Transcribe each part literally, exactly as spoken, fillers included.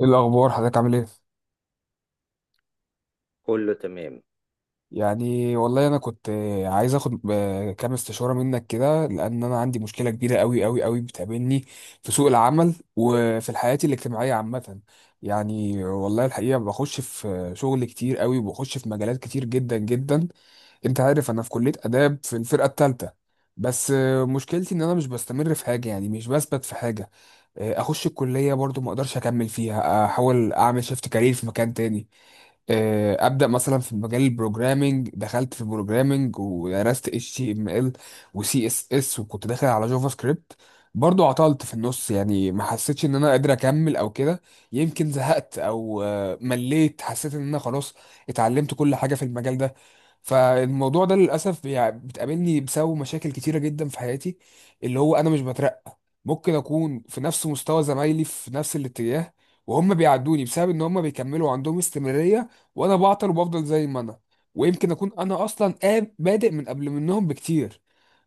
ايه الاخبار؟ حضرتك عامل ايه؟ كله تمام. يعني والله انا كنت آه، عايز اخد آه، كام استشاره منك كده، لان انا عندي مشكله كبيره قوي قوي قوي بتقابلني في سوق العمل وفي الحياه الاجتماعيه عامه. يعني والله الحقيقه بخش في شغل كتير قوي وبخش في مجالات كتير جدا جدا. انت عارف انا في كليه اداب في الفرقه الثالثه. بس آه، مشكلتي ان انا مش بستمر في حاجه، يعني مش بثبت في حاجه. آه، اخش الكليه برضو ما اقدرش اكمل فيها، احاول اعمل شيفت كارير في مكان تاني. آه، ابدا مثلا في مجال البروجرامينج، دخلت في البروجرامينج ودرست اتش تي ام ال وسي اس اس، وكنت داخل على جافا سكريبت. برضو عطلت في النص، يعني ما حسيتش ان انا قادر اكمل او كده. يمكن زهقت او آه، مليت، حسيت ان انا خلاص اتعلمت كل حاجه في المجال ده. فالموضوع ده للاسف يعني بتقابلني بسبب مشاكل كتيره جدا في حياتي، اللي هو انا مش بترقى. ممكن اكون في نفس مستوى زمايلي في نفس الاتجاه، وهم بيعدوني بسبب ان هم بيكملوا عندهم استمرارية، وانا بعطل وبفضل زي ما انا. ويمكن اكون انا اصلا قاب- بادئ من قبل منهم بكتير.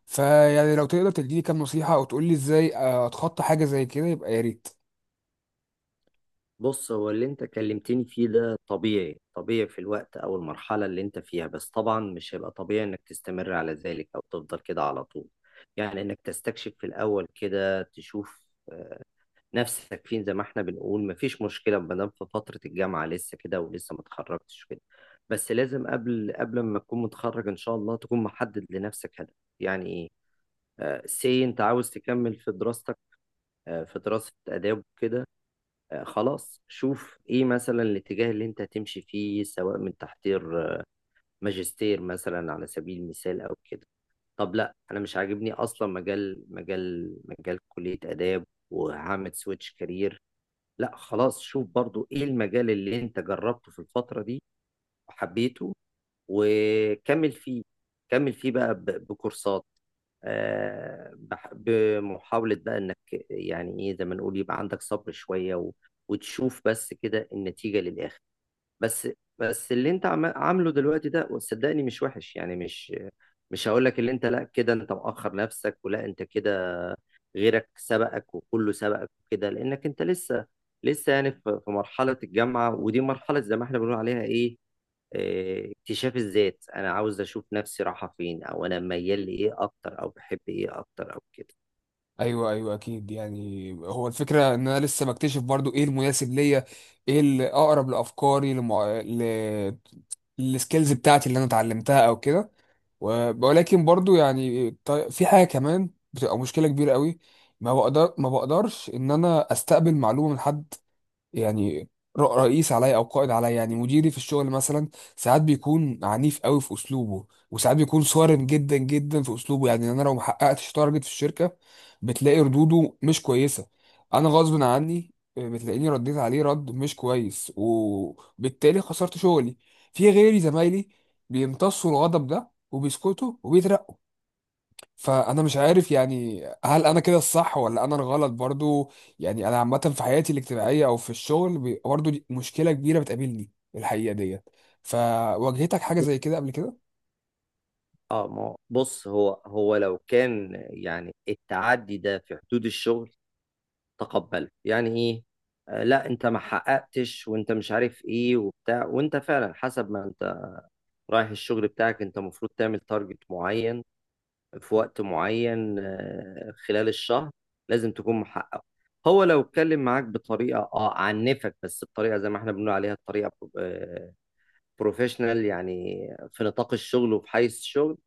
فيعني لو تقدر تديني كام نصيحة او تقول لي ازاي آه، اتخطى حاجة زي كده، يبقى يا ريت. بص، هو اللي انت كلمتني فيه ده طبيعي طبيعي في الوقت او المرحلة اللي انت فيها، بس طبعا مش هيبقى طبيعي انك تستمر على ذلك او تفضل كده على طول. يعني انك تستكشف في الاول كده، تشوف نفسك فين. زي ما احنا بنقول مفيش مشكلة ما دام في فترة الجامعة لسه كده ولسه ما اتخرجتش كده، بس لازم قبل قبل ما تكون متخرج ان شاء الله تكون محدد لنفسك هدف. يعني ايه؟ سي انت عاوز تكمل في دراستك، آه، في دراسة آداب وكده، آه، خلاص شوف ايه مثلا الاتجاه اللي انت هتمشي فيه، سواء من تحضير آه، ماجستير مثلا على سبيل المثال او كده. طب لا انا مش عاجبني اصلا مجال مجال مجال كلية آداب وهعمل سويتش كارير. لا خلاص، شوف برضو ايه المجال اللي انت جربته في الفترة دي وحبيته، وكمل فيه. كمل فيه بقى ب- بكورسات، آه، بح- بمحاولة بقى انك يعني ايه، زي ما نقول يبقى عندك صبر شوية و- وتشوف بس كده النتيجة للآخر. بس، بس اللي انت عم- عامله دلوقتي ده وصدقني مش وحش، يعني مش مش هقول لك اللي انت لا كده انت مؤخر نفسك، ولا انت كده غيرك سبقك وكله سبقك وكده، لانك انت لسه لسه يعني في في مرحلة الجامعة، ودي مرحلة زي ما احنا بنقول عليها ايه، آه، اكتشاف الذات. انا عاوز اشوف نفسي رايحه فين، او انا ميال لايه اكتر، او بحب ايه اكتر او كده. ايوه، ايوه، اكيد، يعني هو الفكرة ان انا لسه بكتشف برضو ايه المناسب ليا. ايه الاقرب لافكاري لمع... ل... السكيلز بتاعتي اللي انا اتعلمتها او كده. و- ولكن برضو يعني طي- في حاجه كمان بتبقى مشكله كبيره قوي. ما بقدر ما بقدرش ان انا استقبل معلومه من حد. يعني ر- رئيس عليا او قائد عليا، يعني مديري في الشغل مثلا ساعات بيكون عنيف قوي في اسلوبه، وساعات بيكون صارم جدا جدا في اسلوبه. يعني انا لو ما حققتش تارجت في الشركه بتلاقي ردوده مش كويسه. انا غصب عني آه، بتلاقيني رديت عليه رد مش كويس وبالتالي خسرت شغلي. في غيري زمايلي بيمتصوا الغضب ده وبيسكتوا وبيترقوا. فانا مش عارف، يعني هل انا كده الصح ولا انا الغلط برضو؟ يعني انا عامه في حياتي الاجتماعيه او في الشغل بي- برضو دي مشكله كبيره بتقابلني الحقيقه ديت. فواجهتك حاجه زي كده قبل كده؟ اه، ما هو- بص، هو هو لو كان يعني التعدي ده في حدود الشغل تقبله، يعني ايه، آه لا انت ما حققتش وانت مش عارف ايه وبتاع، وانت فعلا حسب ما انت رايح الشغل بتاعك انت المفروض تعمل تارجت معين في وقت معين، آه، خلال الشهر لازم تكون محقق. هو لو اتكلم معاك بطريقة اه عنفك بس بطريقة زي ما احنا بنقول عليها الطريقة بروفيشنال، يعني في نطاق الشغل وفي حيز الشغل،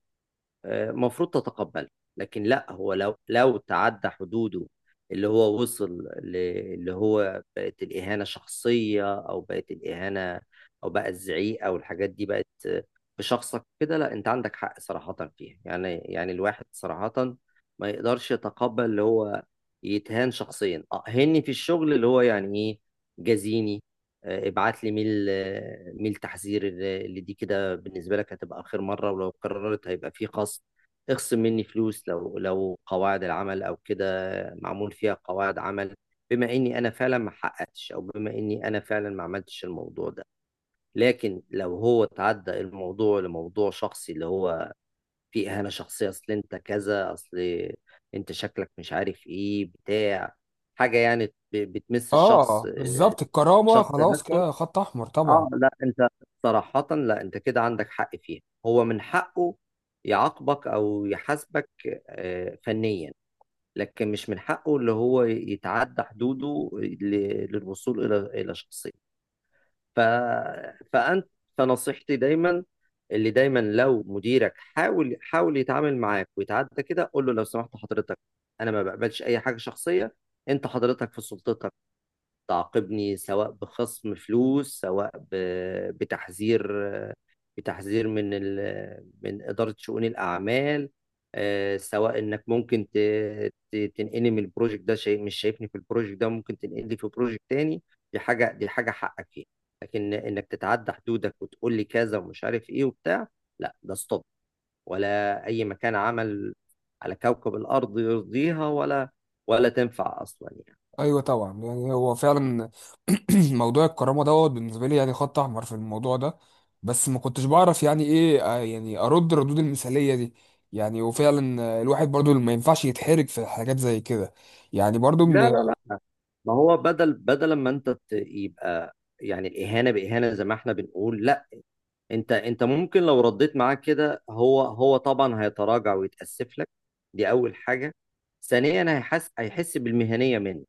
المفروض تتقبله. لكن لا، هو لو لو تعدى حدوده، اللي هو وصل ل- اللي هو بقت الإهانة شخصية، أو بقت الإهانة أو بقى الزعيق أو الحاجات دي بقت بشخصك كده، لا أنت عندك حق صراحة فيها. يعني يعني الواحد صراحة ما يقدرش يتقبل اللي هو يتهان شخصيا أهني في الشغل، اللي هو يعني إيه، جازيني، آه، ابعت لي ميل، آه، ميل تحذير اللي دي كده بالنسبة لك هتبقى آخر مرة، ولو قررت هيبقى فيه خصم، اخصم مني فلوس، لو لو قواعد العمل أو كده معمول فيها قواعد عمل، بما إني أنا فعلا ما حققتش، أو بما إني أنا فعلا ما عملتش الموضوع ده. لكن لو هو تعدى الموضوع لموضوع شخصي، اللي هو فيه إهانة شخصية، أصل أنت كذا، أصل أنت شكلك مش عارف إيه بتاع حاجة يعني، ب- بتمس الشخص، اه، آه، بالظبط، الكرامه الشخص خلاص نفسه، كده خط احمر طبعا. اه لا انت صراحة لا انت كده عندك حق فيها. هو من حقه يعاقبك او يحاسبك آه، فنيا، لكن مش من حقه اللي هو يتعدى حدوده ل- للوصول الى الى شخصية. ف... فانت، فنصيحتي دايما اللي دايما لو مديرك حاول حاول يتعامل معاك ويتعدى كده، قول له لو سمحت حضرتك، انا ما بقبلش اي حاجة شخصية. انت حضرتك في سلطتك تعاقبني سواء بخصم فلوس، سواء ب- بتحذير، بتحذير من ال- من إدارة شؤون الأعمال، آه، سواء إنك ممكن ت- ت- تنقلني من البروجكت ده، شيء مش شايفني في البروجكت ده ممكن تنقلني في بروجكت تاني. دي حاجة، دي حاجة حقك فيها. لكن إنك تتعدى حدودك وتقول لي كذا ومش عارف إيه وبتاع، لا ده ستوب، ولا أي مكان عمل على كوكب الأرض يرضيها، ولا ولا تنفع أصلا يعني. ايوه، طبعا، يعني هو فعلا موضوع الكرامه دوت بالنسبه لي يعني خط احمر في الموضوع ده. بس ما كنتش بعرف يعني ايه آه، يعني ارد الردود المثاليه دي. يعني وفعلا آه، الواحد برضو ما ينفعش يتحرج في حاجات زي كده. يعني برضو لا من لا لا، ما هو بدل بدل ما انت ت- يبقى يعني الاهانه باهانه زي ما احنا بنقول، لا انت، انت ممكن لو رديت معاه كده هو، هو طبعا هيتراجع ويتاسف لك، دي اول حاجه. ثانيا هيحس، هيحس بالمهنيه منك.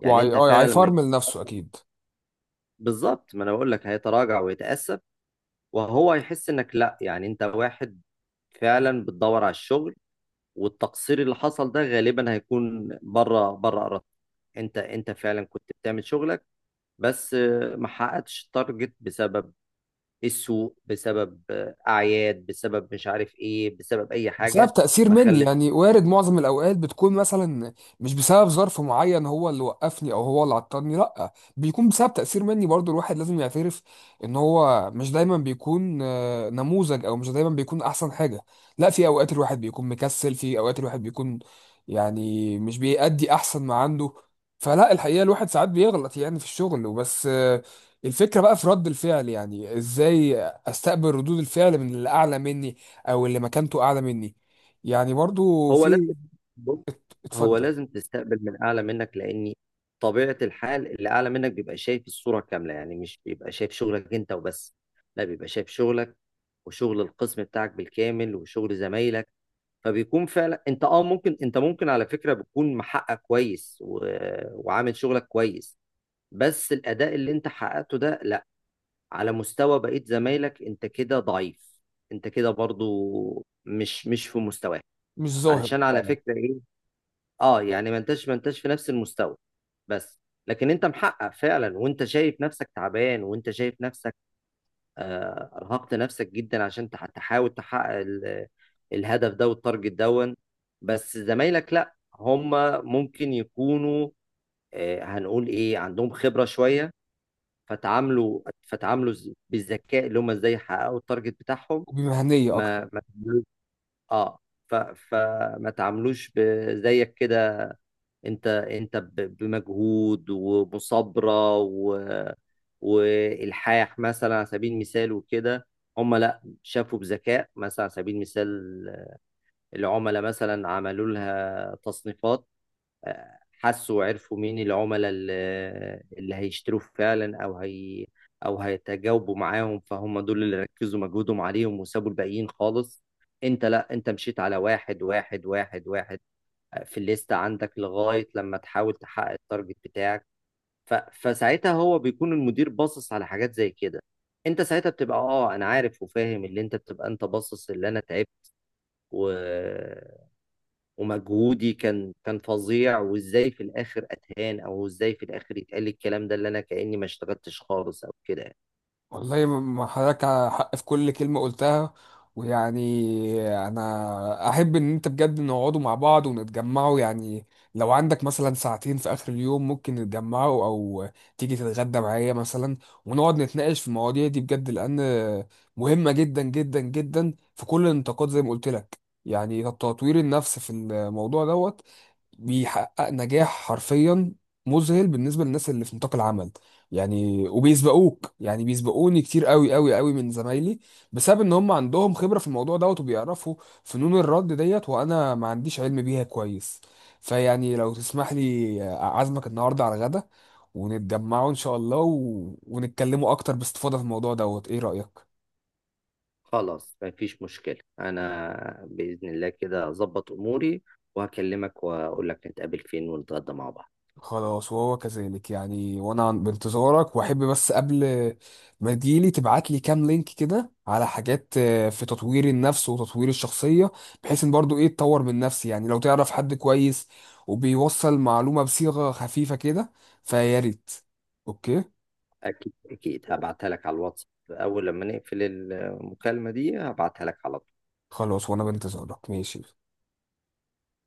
يعني انت اه، فعلا لما يكون- هيفرمل نفسه اكيد. بالظبط ما انا بقول لك، هيتراجع ويتاسف، وهو هيحس انك لا يعني انت واحد فعلا بتدور على الشغل، والتقصير اللي حصل ده غالبا هيكون بره بره ارادتك، انت، انت فعلا كنت بتعمل شغلك، بس آه، ما حققتش التارجت بسبب السوق، بسبب آه، اعياد، بسبب مش عارف ايه، بسبب اي بسبب حاجه تأثير ما مني، خلت. يعني وارد معظم الأوقات بتكون مثلا مش بسبب ظرف معين هو اللي وقفني أو هو اللي عطلني، لأ بيكون بسبب تأثير مني برضو. الواحد لازم يعترف إن هو مش دايما بيكون آه، نموذج، أو مش دايما بيكون أحسن حاجة. لأ، في أوقات الواحد بيكون مكسل، في أوقات الواحد بيكون يعني مش بيأدي أحسن ما عنده. فلا، الحقيقة الواحد ساعات بيغلط يعني في الشغل وبس. آه، الفكرة بقى في رد الفعل، يعني إزاي أستقبل ردود الفعل من اللي أعلى مني او اللي مكانته اعلى مني؟ يعني برضو هو لازم، في، بص، هو اتفضل. لازم تستقبل من اعلى منك، لان طبيعه الحال اللي اعلى منك بيبقى شايف الصوره كامله. يعني مش بيبقى شايف شغلك انت وبس، لا بيبقى شايف شغلك وشغل القسم بتاعك بالكامل وشغل زمايلك. فبيكون فعلا انت اه ممكن، انت ممكن على فكره بتكون محقق كويس و... وعامل شغلك كويس، بس الأداء اللي أنت حققته ده لأ، على مستوى بقية زمايلك أنت كده ضعيف، أنت كده برضو مش مش في مستواك، مش ظاهر علشان على فعلا. فكرة إيه، أه يعني ما أنتش ما أنتش في نفس المستوى بس. لكن أنت محقق فعلا، وأنت شايف نفسك تعبان، وأنت شايف نفسك آه، أرهقت نفسك جدا عشان تح- تحاول تحقق ال- الهدف ده والتارجت دون. بس زمايلك لأ، هم ممكن يكونوا آه، هنقول إيه عندهم خبرة شوية، فتعاملوا فتعاملوا ز- بالذكاء اللي هم ازاي يحققوا التارجت بتاعهم. وبمهنية أكتر. ما ما تعملوش- اه ف... فما تعاملوش ب- زيك كده، انت، انت ب- بمجهود ومصابرة و... والحاح مثلا على سبيل المثال وكده. هم لا شافوا بذكاء مثلا على سبيل المثال، العملاء مثلا عملوا لها تصنيفات، حسوا وعرفوا مين العملاء اللي اللي هيشتروا فعلا او هي او هيتجاوبوا معاهم، فهم دول اللي ركزوا مجهودهم عليهم وسابوا الباقيين خالص. انت لا، انت مشيت على واحد واحد واحد واحد في الليستة عندك لغاية لما تحاول تحقق التارجت بتاعك. ف... فساعتها هو بيكون المدير باصص على حاجات زي كده، انت ساعتها بتبقى اه انا عارف وفاهم اللي انت بتبقى انت باصص، اللي انا تعبت و... ومجهودي كان كان فظيع، وازاي في الاخر اتهان، او ازاي في الاخر يتقال الكلام ده اللي انا كاني ما اشتغلتش خالص او كده يعني. والله، ما ما حضرتك حق في كل كلمة قلتها، ويعني أنا أحب إن أنت بجد نقعدوا مع بعض ونتجمعوا، يعني لو عندك مثلا ساعتين في آخر اليوم ممكن نتجمعوا، أو تيجي تتغدى معايا مثلا ونقعد نتناقش في المواضيع دي بجد، لأن مهمة جدا جدا جدا في كل النطاقات. زي ما قلت لك، يعني تطوير النفس في الموضوع دوت بيحقق نجاح حرفيا مذهل بالنسبه للناس اللي في نطاق العمل. يعني وبيسبقوك، يعني بيسبقوني كتير قوي قوي قوي من زمايلي، بسبب ان هم عندهم خبره في الموضوع دوت وبيعرفوا فنون الرد ديت، وانا ما عنديش علم بيها كويس. فيعني لو تسمح لي اعزمك النهارده على الغدا، ونتجمعوا ان شاء الله و... ونتكلموا اكتر باستفاضه في الموضوع دوت، ايه رايك؟ خلاص مفيش مشكله، انا باذن الله كده اظبط اموري وهكلمك واقول لك نتقابل فين ونتغدى مع بعض. خلاص، وهو كذلك، يعني وانا بانتظارك. واحب بس قبل ما تجيلي تبعت لي كام لينك كده على حاجات آه، في تطوير النفس وتطوير الشخصية، بحيث ان برضو ايه اتطور من نفسي، يعني لو تعرف حد كويس وبيوصل معلومة بصيغة خفيفة كده فيا ريت. اوكي. اكيد اكيد هبعتها لك على الواتس، اول لما نقفل المكالمه دي هبعتها لك على طول. خلاص، وانا بانتظارك، ماشي.